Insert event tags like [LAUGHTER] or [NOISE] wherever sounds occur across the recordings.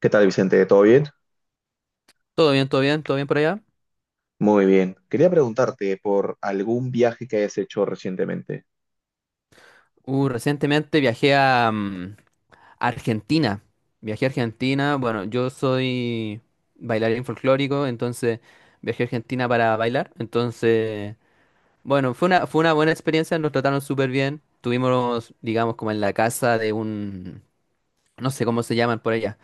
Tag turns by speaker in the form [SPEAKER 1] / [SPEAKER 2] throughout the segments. [SPEAKER 1] ¿Qué tal, Vicente? ¿Todo bien?
[SPEAKER 2] Todo bien, todo bien, todo bien por allá.
[SPEAKER 1] Muy bien. Quería preguntarte por algún viaje que hayas hecho recientemente.
[SPEAKER 2] Recientemente viajé a Argentina. Viajé a Argentina. Bueno, yo soy bailarín folclórico, entonces viajé a Argentina para bailar. Entonces, bueno, fue una buena experiencia, nos trataron súper bien. Tuvimos, digamos, como en la casa de un, no sé cómo se llaman por allá,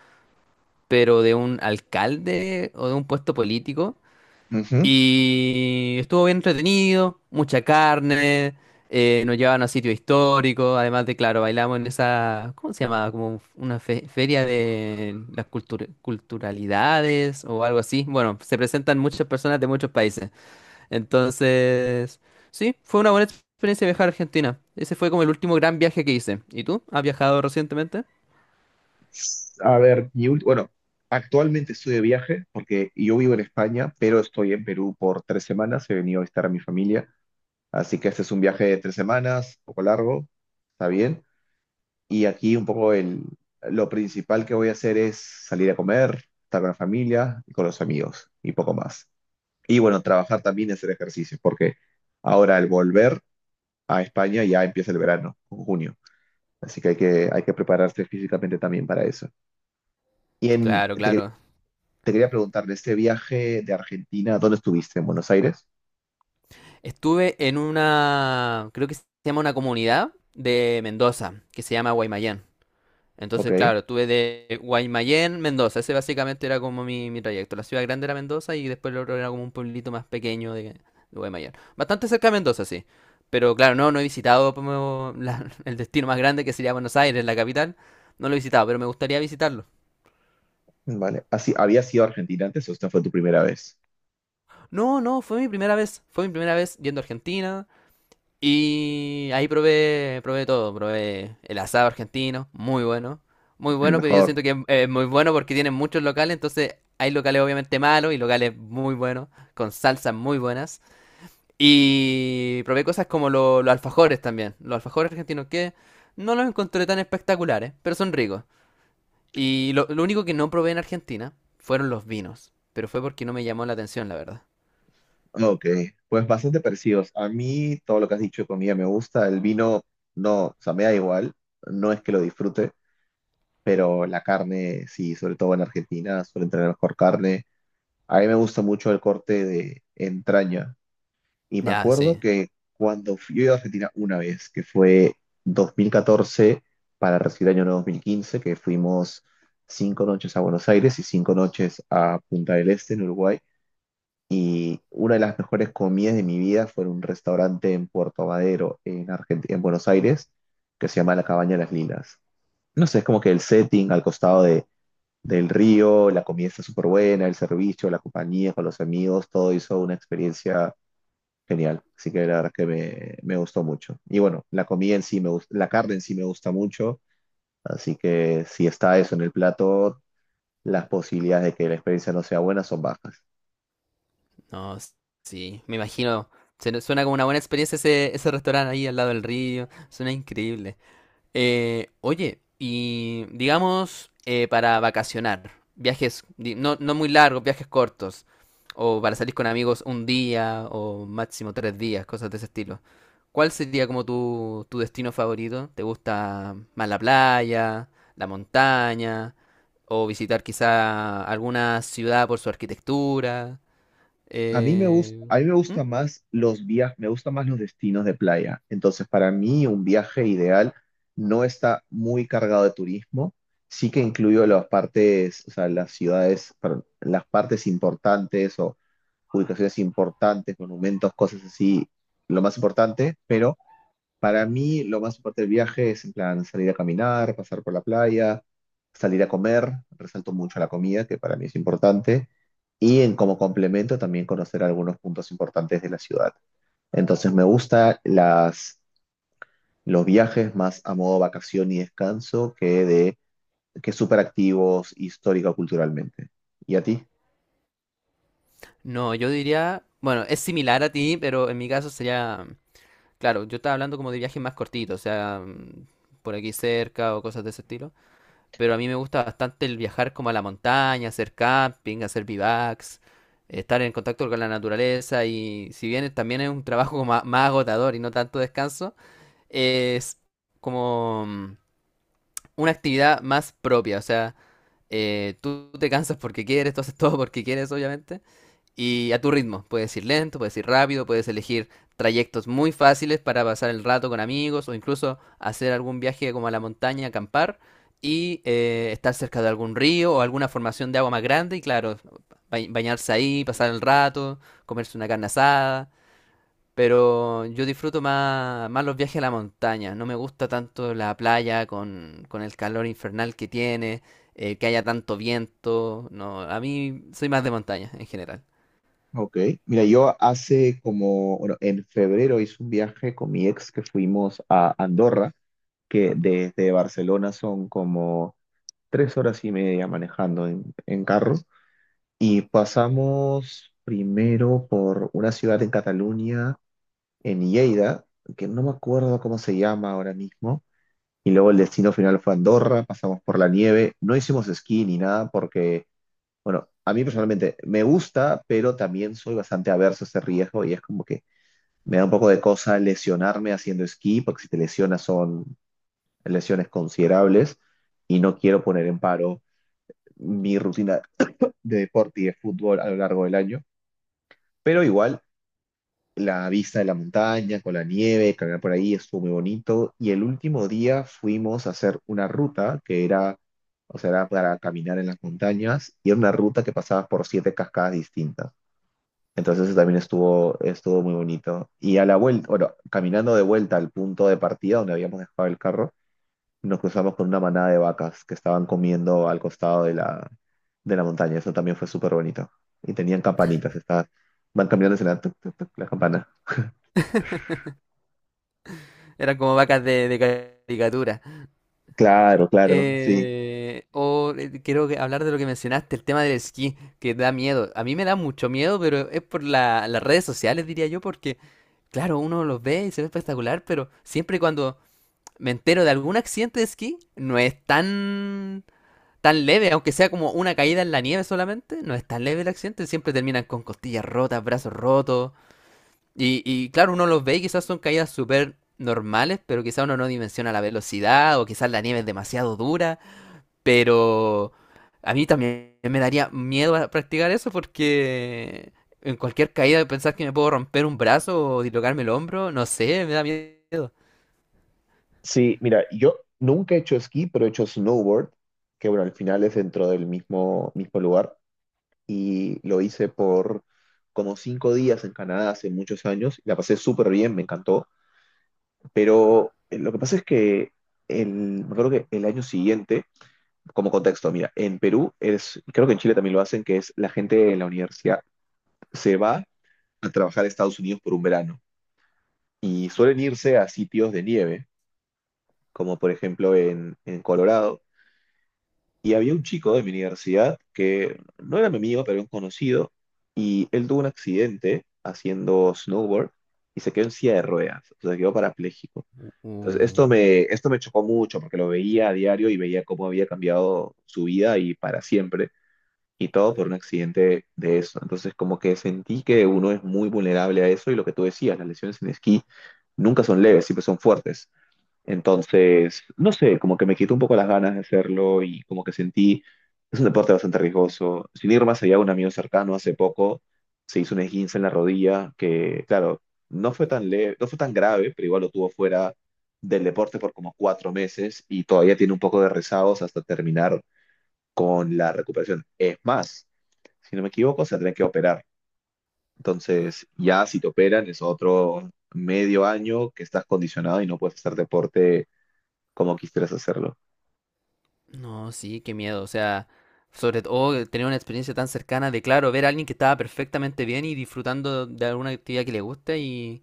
[SPEAKER 2] pero de un alcalde o de un puesto político.
[SPEAKER 1] Ujú.
[SPEAKER 2] Y estuvo bien entretenido, mucha carne, nos llevaban a sitios históricos, además de, claro, bailamos en esa, ¿cómo se llamaba? Como una feria de las culturalidades o algo así. Bueno, se presentan muchas personas de muchos países. Entonces, sí, fue una buena experiencia viajar a Argentina. Ese fue como el último gran viaje que hice. ¿Y tú? ¿Has viajado recientemente?
[SPEAKER 1] A ver, bueno, actualmente estoy de viaje porque yo vivo en España, pero estoy en Perú por 3 semanas. He venido a visitar a mi familia, así que este es un viaje de 3 semanas, un poco largo, está bien. Y aquí un poco lo principal que voy a hacer es salir a comer, estar con la familia y con los amigos y poco más. Y bueno, trabajar también y hacer ejercicio, porque ahora al volver a España ya empieza el verano, en junio. Así que hay que prepararse físicamente también para eso. Y en,
[SPEAKER 2] Claro,
[SPEAKER 1] te,
[SPEAKER 2] claro.
[SPEAKER 1] Te quería preguntar, de este viaje de Argentina, ¿dónde estuviste? ¿En Buenos Aires?
[SPEAKER 2] Estuve en una, creo que se llama una comunidad de Mendoza, que se llama Guaymallén.
[SPEAKER 1] Ok,
[SPEAKER 2] Entonces, claro, tuve de Guaymallén, Mendoza. Ese básicamente era como mi trayecto. La ciudad grande era Mendoza y después lo otro era como un pueblito más pequeño de Guaymallén. Bastante cerca de Mendoza, sí. Pero claro, no he visitado como [LAUGHS] el destino más grande que sería Buenos Aires, la capital. No lo he visitado, pero me gustaría visitarlo.
[SPEAKER 1] vale. Así, ¿habías ido a Argentina antes o esta fue tu primera vez?
[SPEAKER 2] No, no, fue mi primera vez. Fue mi primera vez yendo a Argentina. Y ahí probé, probé todo, probé el asado argentino, muy bueno, muy
[SPEAKER 1] El
[SPEAKER 2] bueno, pero yo
[SPEAKER 1] mejor.
[SPEAKER 2] siento que es muy bueno porque tienen muchos locales, entonces hay locales obviamente malos y locales muy buenos, con salsas muy buenas. Y probé cosas como los alfajores también, los alfajores argentinos que no los encontré tan espectaculares, pero son ricos. Y lo único que no probé en Argentina fueron los vinos, pero fue porque no me llamó la atención, la verdad.
[SPEAKER 1] Ok, pues bastante parecidos. A mí todo lo que has dicho de comida me gusta. El vino, no, o sea, me da igual. No es que lo disfrute, pero la carne, sí, sobre todo en Argentina, suelen tener mejor carne. A mí me gusta mucho el corte de entraña. Y me
[SPEAKER 2] Ya,
[SPEAKER 1] acuerdo
[SPEAKER 2] sí.
[SPEAKER 1] que cuando fui, yo he ido a Argentina una vez, que fue 2014 para recibir el año nuevo 2015, que fuimos 5 noches a Buenos Aires y 5 noches a Punta del Este, en Uruguay. Y una de las mejores comidas de mi vida fue en un restaurante en Puerto Madero, en Argentina, en Buenos Aires, que se llama La Cabaña de las Lilas. No sé, es como que el setting al costado del río, la comida está súper buena, el servicio, la compañía con los amigos, todo hizo una experiencia genial, así que la verdad que me gustó mucho. Y bueno, la comida en sí me gusta, la carne en sí me gusta mucho, así que si está eso en el plato, las posibilidades de que la experiencia no sea buena son bajas.
[SPEAKER 2] No, s- sí, me imagino. Suena como una buena experiencia ese restaurante ahí al lado del río. Suena increíble. Oye, y digamos para vacacionar, viajes no muy largos, viajes cortos, o para salir con amigos un día o máximo tres días, cosas de ese estilo. ¿Cuál sería como tu destino favorito? ¿Te gusta más la playa, la montaña, o visitar quizá alguna ciudad por su arquitectura?
[SPEAKER 1] A mí me gusta,
[SPEAKER 2] Eh,
[SPEAKER 1] a mí me
[SPEAKER 2] ¿mm?
[SPEAKER 1] gusta más los viajes, me gustan más los destinos de playa. Entonces, para mí un viaje ideal no está muy cargado de turismo, sí que incluyo las partes, o sea, las ciudades, perdón, las partes importantes o ubicaciones importantes, monumentos, cosas así, lo más importante, pero para mí lo más importante del viaje es en plan salir a caminar, pasar por la playa, salir a comer, resalto mucho la comida, que para mí es importante, y en como complemento también conocer algunos puntos importantes de la ciudad. Entonces me gusta los viajes más a modo vacación y descanso que de que súper activos histórico culturalmente. ¿Y a ti?
[SPEAKER 2] No, yo diría, bueno, es similar a ti, pero en mi caso sería, claro, yo estaba hablando como de viajes más cortitos, o sea, por aquí cerca o cosas de ese estilo, pero a mí me gusta bastante el viajar como a la montaña, hacer camping, hacer bivacs, estar en contacto con la naturaleza y si bien también es un trabajo más, agotador y no tanto descanso, es como una actividad más propia, o sea, tú te cansas porque quieres, tú haces todo porque quieres, obviamente, y a tu ritmo, puedes ir lento, puedes ir rápido, puedes elegir trayectos muy fáciles para pasar el rato con amigos o incluso hacer algún viaje como a la montaña, acampar y estar cerca de algún río o alguna formación de agua más grande y claro, bañarse ahí, pasar el rato, comerse una carne asada, pero yo disfruto más los viajes a la montaña. No me gusta tanto la playa con el calor infernal que tiene, que haya tanto viento. No, a mí soy más de montaña en general.
[SPEAKER 1] Ok, mira, yo hace como, bueno, en febrero hice un viaje con mi ex que fuimos a Andorra, que desde Barcelona son como tres horas y media manejando en carro. Y pasamos primero por una ciudad en Cataluña, en Lleida, que no me acuerdo cómo se llama ahora mismo. Y luego el destino final fue Andorra, pasamos por la nieve, no hicimos esquí ni nada porque bueno, a mí personalmente me gusta, pero también soy bastante averso a ese riesgo y es como que me da un poco de cosa lesionarme haciendo esquí, porque si te lesionas son lesiones considerables y no quiero poner en paro mi rutina de deporte y de fútbol a lo largo del año. Pero igual, la vista de la montaña con la nieve, caminar por ahí estuvo muy bonito y el último día fuimos a hacer una ruta que era, o sea, era para caminar en las montañas y era una ruta que pasaba por 7 cascadas distintas. Entonces eso también estuvo muy bonito. Y a la vuelta, bueno, caminando de vuelta al punto de partida donde habíamos dejado el carro, nos cruzamos con una manada de vacas que estaban comiendo al costado de de la montaña. Eso también fue súper bonito. Y tenían campanitas, estaban, van cambiando la, tuc, tuc, tuc, la campana.
[SPEAKER 2] [LAUGHS] Eran como vacas de caricatura.
[SPEAKER 1] Claro, claro, sí.
[SPEAKER 2] Hablar de lo que mencionaste, el tema del esquí, que da miedo. A mí me da mucho miedo, pero es por las redes sociales, diría yo, porque, claro, uno los ve y se ve espectacular, pero siempre cuando me entero de algún accidente de esquí, no es tan leve, aunque sea como una caída en la nieve solamente, no es tan leve el accidente, siempre terminan con costillas rotas, brazos rotos. Y claro, uno los ve y quizás son caídas súper normales, pero quizás uno no dimensiona la velocidad o quizás la nieve es demasiado dura, pero a mí también me daría miedo a practicar eso porque en cualquier caída pensar que me puedo romper un brazo o dislocarme el hombro, no sé, me da miedo.
[SPEAKER 1] Sí, mira, yo nunca he hecho esquí, pero he hecho snowboard, que bueno, al final es dentro del mismo lugar. Y lo hice por como 5 días en Canadá hace muchos años. La pasé súper bien, me encantó. Pero lo que pasa es que me acuerdo que el año siguiente, como contexto, mira, en Perú es, creo que en Chile también lo hacen, que es la gente en la universidad se va a trabajar a Estados Unidos por un verano y suelen irse a sitios de nieve, como por ejemplo en Colorado. Y había un chico de mi universidad que no era mi amigo, pero era un conocido, y él tuvo un accidente haciendo snowboard y se quedó en silla de ruedas, o sea, quedó parapléjico. Entonces,
[SPEAKER 2] Uh,
[SPEAKER 1] esto me chocó mucho porque lo veía a diario y veía cómo había cambiado su vida y para siempre, y todo por un accidente de eso. Entonces, como que sentí que uno es muy vulnerable a eso y lo que tú decías, las lesiones en esquí nunca son leves, siempre son fuertes. Entonces, no sé, como que me quitó un poco las ganas de hacerlo y como que sentí, es un deporte bastante riesgoso. Sin ir más allá, un amigo cercano hace poco se hizo un esguince en la rodilla que, claro, no fue tan leve, no fue tan grave, pero igual lo tuvo fuera del deporte por como 4 meses y todavía tiene un poco de rezagos hasta terminar con la recuperación. Es más, si no me equivoco, se tendrá que operar. Entonces, ya si te operan es otro medio año que estás condicionado y no puedes hacer deporte como quisieras hacerlo.
[SPEAKER 2] No, sí, qué miedo. O sea, sobre todo tener una experiencia tan cercana de, claro, ver a alguien que estaba perfectamente bien y disfrutando de alguna actividad que le gusta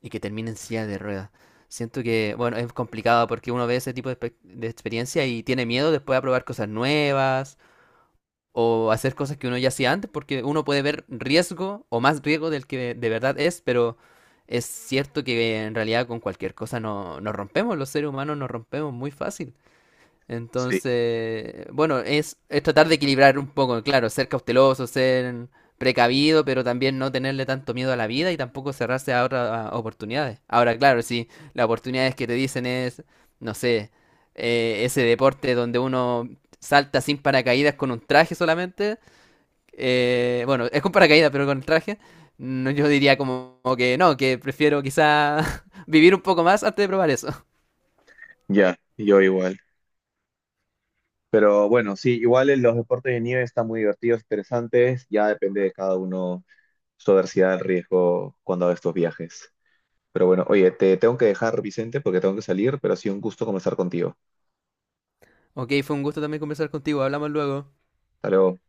[SPEAKER 2] y que termine en silla de ruedas. Siento que, bueno, es complicado porque uno ve ese tipo de, de experiencia y tiene miedo después a probar cosas nuevas o hacer cosas que uno ya hacía antes porque uno puede ver riesgo o más riesgo del que de verdad es, pero es cierto que en realidad con cualquier cosa no, nos rompemos, los seres humanos nos rompemos muy fácil.
[SPEAKER 1] Sí,
[SPEAKER 2] Entonces, bueno, es tratar de equilibrar un poco, claro, ser cauteloso, ser precavido, pero también no tenerle tanto miedo a la vida y tampoco cerrarse a otras a oportunidades. Ahora, claro, si las oportunidades que te dicen es, no sé, ese deporte donde uno salta sin paracaídas con un traje solamente, bueno, es con paracaídas, pero con el traje, no, yo diría como, como que no, que prefiero quizá [LAUGHS] vivir un poco más antes de probar eso.
[SPEAKER 1] ya, yo igual. Pero bueno, sí, igual en los deportes de nieve están muy divertidos, interesantes, ya depende de cada uno su adversidad al riesgo cuando haga estos viajes. Pero bueno, oye, te tengo que dejar, Vicente, porque tengo que salir, pero ha sido un gusto conversar contigo.
[SPEAKER 2] Ok, fue un gusto también conversar contigo, hablamos luego.
[SPEAKER 1] Hasta luego.